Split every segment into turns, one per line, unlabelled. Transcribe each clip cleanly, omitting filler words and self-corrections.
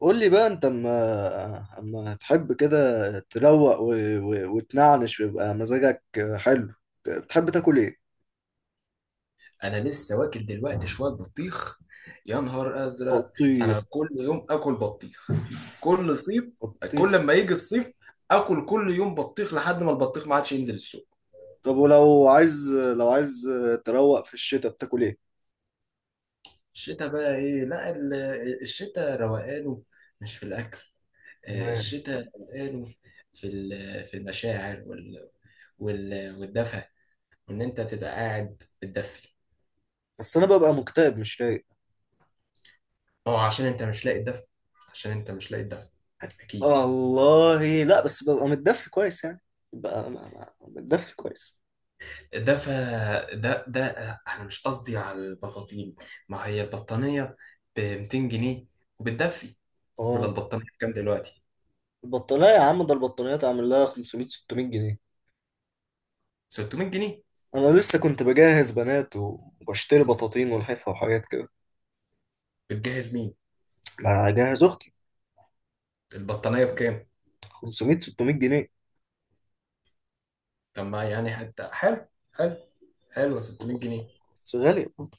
قول لي بقى، انت اما تحب كده تروق وتنعنش ويبقى مزاجك حلو. بتحب تاكل ايه؟
انا لسه واكل دلوقتي شويه بطيخ. يا نهار ازرق!
بطيخ؟
انا كل يوم اكل بطيخ كل صيف. كل
بطيخ؟
لما يجي الصيف اكل كل يوم بطيخ لحد ما البطيخ ما عادش ينزل السوق.
طب ولو عايز، لو عايز تروق في الشتاء، بتاكل ايه؟
الشتاء بقى ايه؟ لا ال- الشتاء روقانه، مش في الاكل.
مال.
الشتاء روقانه في المشاعر والدفى، وان انت تبقى قاعد بتدفي.
بس انا ببقى مكتئب، مش رايق.
هو عشان انت مش لاقي الدفى. عشان انت مش لاقي الدفى، اكيد.
والله لا، بس ببقى متدفي كويس يعني. ببقى متدفي كويس.
ده ف ده ده انا مش قصدي على البطاطين. ما هي البطانيه ب 200 جنيه وبتدفي. ولا
اه.
البطانيه بكام دلوقتي؟
البطانية يا عم، ده البطانية تعمل لها 500 600 جنيه.
600 جنيه؟
انا لسه كنت بجهز بنات وبشتري بطاطين ولحفة وحاجات.
بتجهز مين؟
اجهز اختي.
البطانيه بكام؟
500 600 جنيه.
طب ما يعني حتى حلو، حلو. حلو 600 جنيه.
بس غالية برضه.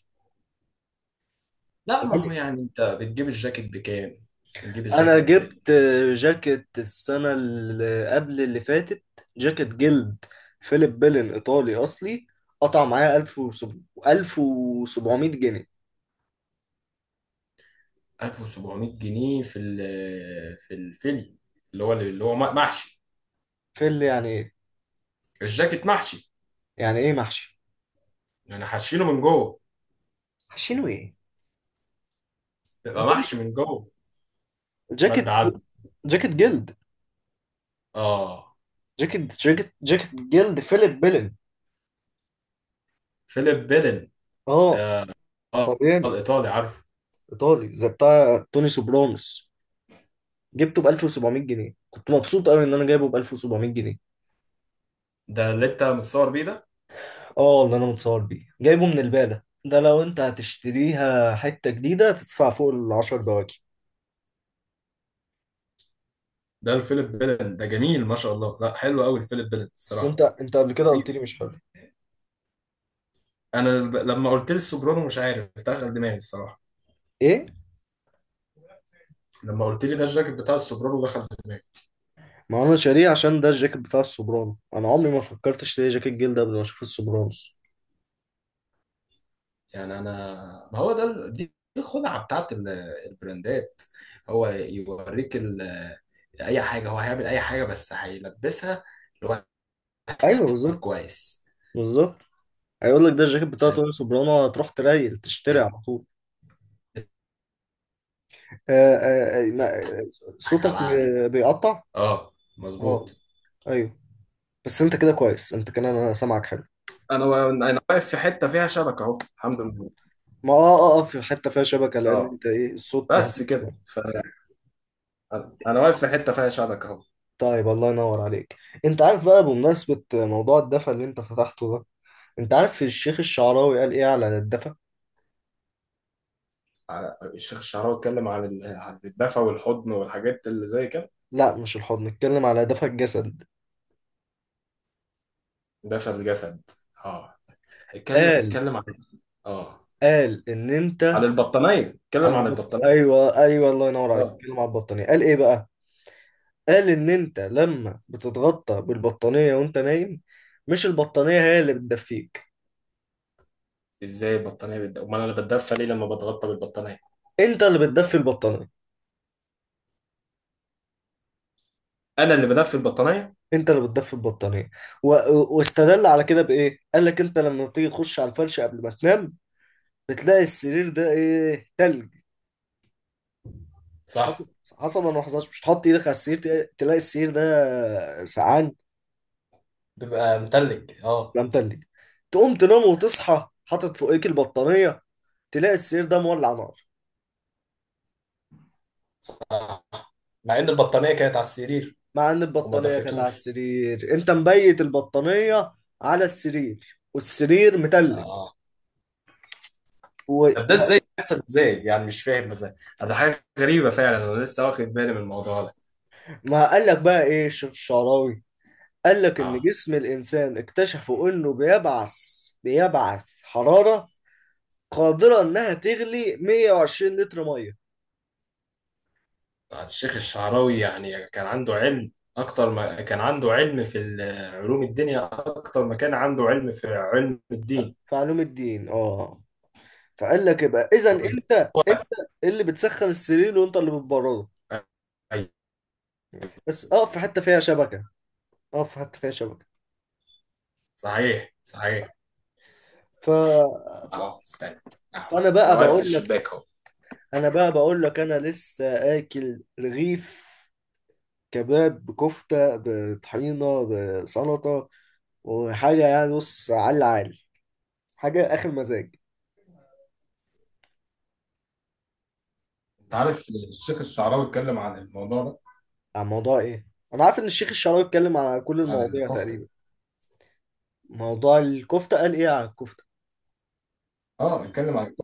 لا ما هو
غالية.
يعني انت بتجيب الجاكيت بكام؟ بتجيب
انا
الجاكيت ب
جبت جاكيت السنة اللي قبل اللي فاتت. جاكيت جلد فيليب بيلن ايطالي اصلي. قطع معايا 1700 جنيه.
1700 جنيه في ال في الفيلي، اللي هو محشي.
في اللي يعني ايه؟
الجاكيت محشي،
يعني ايه محشي؟
انا حاشينه من جوه.
محشينه ايه؟ أنت
تبقى
بتقول
محشي من
إيه؟
جوه،
جاكيت
مادة
ج-
عزم.
جاكيت جلد.
اه،
جاكيت جلد فيليب بيلن.
فيليب بيدن
اه.
ده. اه،
طب يعني.
الايطالي، عارفه.
ايطالي زي بتاع توني سوبرانوس. جبته ب 1700 جنيه، كنت مبسوط قوي ان انا جايبه ب 1700 جنيه.
ده اللي انت متصور بيه ده.
اه، اللي انا متصور بيه جايبه من البالة. ده لو انت هتشتريها حتة جديدة تدفع فوق ال 10 بواكي.
ده الفيليب بيدن ده جميل ما شاء الله، لا حلو قوي الفيليب بيدن
بس انت
الصراحه.
انت قبل كده قلت لي
خطير!
مش حلو.
انا لما قلت لي السوبرانو مش عارف دخل دماغي الصراحه.
ايه؟
لما قلت لي ده الجاكيت بتاع السوبرانو دخل دماغي.
ما انا شاريه عشان ده الجاكيت بتاع السوبرانو. انا عمري ما فكرت اشتري جاكيت جلد قبل ما اشوف السوبرانوس.
يعني انا، ما هو ده دي الخدعه بتاعت البراندات. هو يوريك اي حاجه، هو هيعمل اي حاجه بس هيلبسها لواحد
ايوه بالظبط.
كويس
بالظبط. هيقول لك ده الجاكيت بتاع
عشان
توني سوبرانو، هتروح تريل تشتري
يضحك
على طول. آه آه آه ما- صوتك
على عقلك.
بيقطع.
اه
اه.
مظبوط.
ايوه. بس انت كده كويس، انت كده انا سامعك حلو.
انا واقف في حته فيها شبكه اهو الحمد لله.
ما اه اه اه، في حته فيها شبكه، لان
اه،
انت ايه، الصوت
بس
مهدي
كده
شويه.
انا واقف في حته فيها شبكه اهو.
طيب الله ينور عليك. انت عارف بقى، بمناسبه موضوع الدفا اللي انت فتحته ده، انت عارف الشيخ الشعراوي قال ايه على الدفا؟
الشيخ الشعراوي اتكلم عن عن الدفى والحضن والحاجات اللي زي كده.
لا، مش الحضن، نتكلم على دفا الجسد.
دفى الجسد. اه، اتكلم
قال
اتكلم عن، اه،
قال ان انت.
عن البطانيه.
على
اتكلم عن
البط...
البطانيه.
ايوه ايوه، الله ينور عليك،
اه.
اتكلم على البطانيه. قال ايه بقى؟ قال ان انت لما بتتغطى بالبطانيه وانت نايم، مش البطانيه هي اللي بتدفيك.
ازاي البطانيه امال انا بتدفى ليه لما بتغطى بالبطانيه؟
انت اللي بتدفي البطانيه.
انا اللي بدفي البطانيه؟
انت اللي بتدفي البطانيه واستدل على كده بايه. قال لك انت لما تيجي تخش على الفرش قبل ما تنام، بتلاقي السرير ده ايه؟ تلج. مش حصل؟
صح،
حصل ولا ما حصلش؟ مش تحط ايدك على السرير، تلاقي السرير ده سقعان؟
بيبقى متلج اه.
لا، متلج. تقوم تنام وتصحى حاطط فوقيك البطانيه، تلاقي السرير ده مولع نار.
آه. مع ان البطانيه كانت على السرير
مع ان
وما
البطانيه كانت على
دفتوش.
السرير. انت مبيت البطانيه على السرير والسرير متلج و...
طب ده
و...
ازاي بيحصل؟ ازاي يعني؟ مش فاهم مثلا. ده حاجه غريبه فعلا، انا لسه واخد بالي من الموضوع ده.
ما قال لك بقى ايه الشيخ الشعراوي؟ قال لك إن
اه.
جسم الإنسان اكتشفوا إنه بيبعث حرارة قادرة إنها تغلي 120 لتر مية.
الشيخ الشعراوي يعني كان عنده علم اكتر ما كان عنده علم في علوم الدنيا اكتر ما كان عنده علم في علم الدين.
في علوم الدين، آه. فقال لك يبقى إذا
ولذلك
أنت،
هو،
أنت اللي بتسخن السرير وأنت اللي بتبرده.
أيوة.
بس أقف في حتة فيها شبكة. أقف في حتة فيها شبكة.
صحيح صحيح.
ف... ف...
اهو استنى، اهو
فأنا
انا
بقى
واقف في
بقول لك.
الشباك اهو.
أنا بقى بقول لك أنا لسه آكل رغيف كباب بكفتة بطحينة بسلطة وحاجة يعني، بص على العال، حاجة آخر مزاج.
انت عارف الشيخ الشعراوي اتكلم عن الموضوع ده؟
عن موضوع إيه؟ أنا عارف إن الشيخ الشعراوي اتكلم على كل
عن
المواضيع
الكفته.
تقريبا. موضوع الكفتة، قال إيه على الكفتة؟
اه اتكلم عن،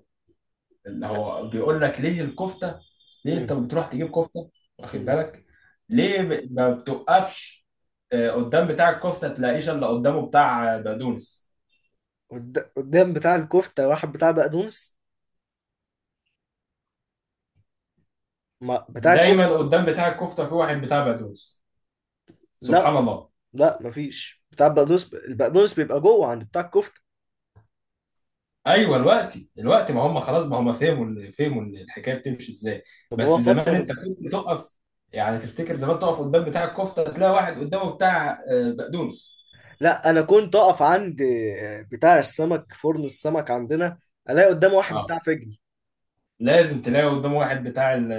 اللي هو بيقول لك ليه الكفته؟ ليه انت
امم
بتروح تجيب كفته؟ واخد
امم
بالك؟ ليه ما بتوقفش قدام بتاع الكفته تلاقيش الا قدامه بتاع بقدونس؟
قدام بتاع الكفتة واحد بتاع بقدونس؟ ما بتاع الكفتة
دايما
أصلا.
قدام بتاع الكفته في واحد بتاع بقدونس.
لا،
سبحان الله!
مفيش بتاع البقدونس. ب... البقدونس بيبقى جوه عند بتاع الكفتة.
ايوه الوقت، الوقت ما هم خلاص، ما هم فهموا الحكايه بتمشي ازاي.
طب هو
بس زمان
فسر؟
انت كنت تقف، يعني تفتكر زمان تقف قدام بتاع الكفته تلاقي واحد قدامه بتاع بقدونس؟
لا أنا كنت أقف عند بتاع السمك، فرن السمك عندنا، ألاقي قدام واحد
اه،
بتاع فجل.
لازم تلاقي قدامه واحد بتاع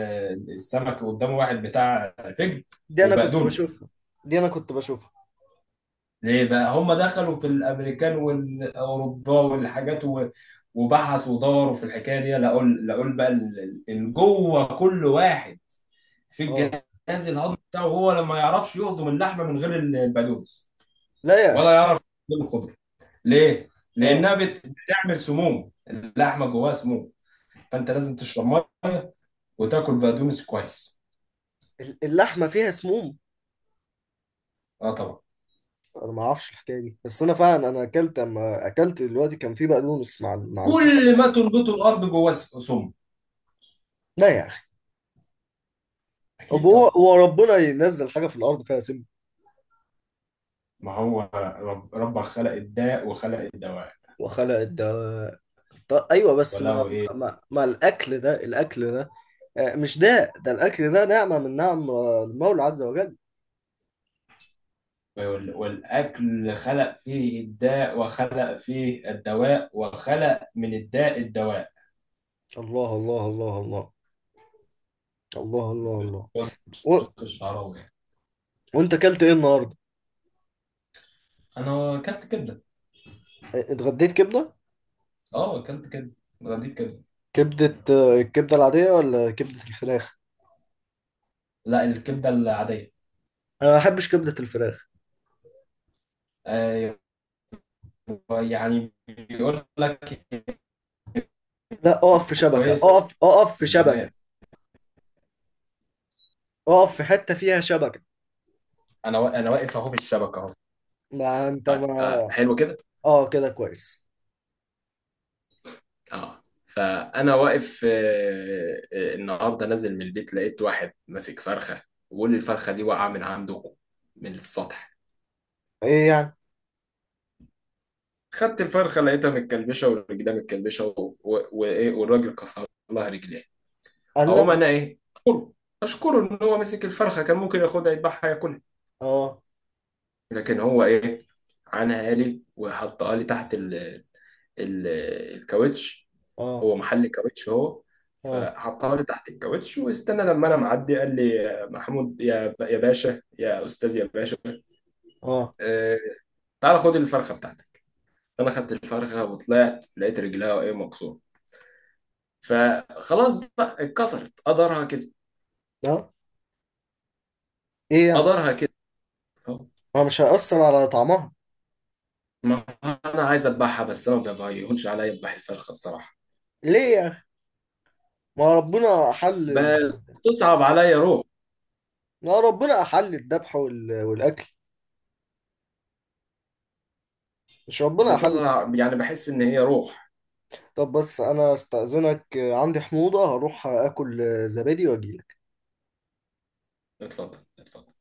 السمك وقدامه واحد بتاع فجل
دي أنا كنت
وبقدونس.
بشوفها. دي أنا كنت بشوفها.
ليه بقى هم دخلوا في الامريكان والاوروبا والحاجات وبحثوا ودوروا في الحكايه دي؟ لقوا بقى جوه كل واحد في
أه.
الجهاز الهضمي بتاعه هو لما يعرفش يهضم اللحمه من غير البقدونس
لا يا
ولا
أخي.
يعرف يهضم الخضره. ليه؟
أه.
لانها بتعمل سموم، اللحمه جواها سموم. فانت لازم تشرب ميه وتاكل بقدونس كويس.
اللحمة فيها سموم.
اه طبعا.
انا ما اعرفش الحكايه دي، بس انا فعلا انا اكلت اما اكلت دلوقتي كان في بقدونس مع الكوره.
كل ما تنبته الارض جواه سم.
لا يا اخي. طب
اكيد
هو،
طبعا.
هو ربنا ينزل حاجه في الارض فيها سم؟
ما هو ربك خلق الداء وخلق الدواء.
وخلق الدواء. طب ايوه بس ما،
ولو ايه،
الاكل ده، الاكل ده، مش ده، ده الاكل ده نعمه من نعم المولى عز وجل.
والاكل خلق فيه الداء وخلق فيه الدواء وخلق من الداء الدواء.
الله الله الله الله. الله الله الله. و...
شق الشعراوي يعني.
وانت اكلت ايه النهارده؟
انا اكلت كبده.
اتغديت كبده؟
اه اكلت كبده، دي كبده.
كبده الكبده العاديه ولا كبده الفراخ؟
لا الكبده العاديه.
انا ما بحبش كبده الفراخ.
آه. يعني بيقول لك
لا اقف في شبكة.
كويسه
اقف اقف في شبكة.
البنات.
اقف في حتة فيها شبكة.
انا واقف اهو في الشبكه اهو.
ما انت
طيب،
ما.
آه حلو كده.
اه كده كويس.
اه، فانا واقف، النهارده نازل من البيت لقيت واحد ماسك فرخه، وبيقول لي الفرخه دي واقعه من عندكم، من السطح.
ايه يعني؟
خدت الفرخه لقيتها متكلبشه والرجلها متكلبشه وايه، والراجل كسر لها رجليها.
قال
اقوم
لا.
انا ايه، اشكره. اشكره ان هو مسك الفرخه، كان ممكن ياخدها يذبحها ياكلها.
اه
لكن هو ايه، عنها لي وحطها لي تحت ال ال الكاوتش،
اه
هو محل كاوتش هو.
اه
فحطها لي تحت الكاوتش واستنى لما انا معدي، قال لي يا محمود، يا باشا، يا استاذ يا باشا،
اه
آه، تعالى خد الفرخه بتاعتك. فانا خدت الفرخه وطلعت لقيت رجلها ايه، مكسوره. فخلاص بقى اتكسرت، قدرها كده.
اه. ايه يعني؟
قدرها كده. أهو.
ما مش هيأثر على طعمها.
ما هو انا عايز اذبحها بس انا ما بيهونش عليا اذبح الفرخه الصراحه.
ليه يا اخي؟ ما ربنا احل ال...
بتصعب عليا، روح.
ما ربنا احل الذبح وال... والاكل. مش ربنا احل؟
بتصعب، يعني بحس ان هي روح.
طب بس انا استأذنك، عندي حموضة، هروح اكل زبادي واجي.
اتفضل اتفضل.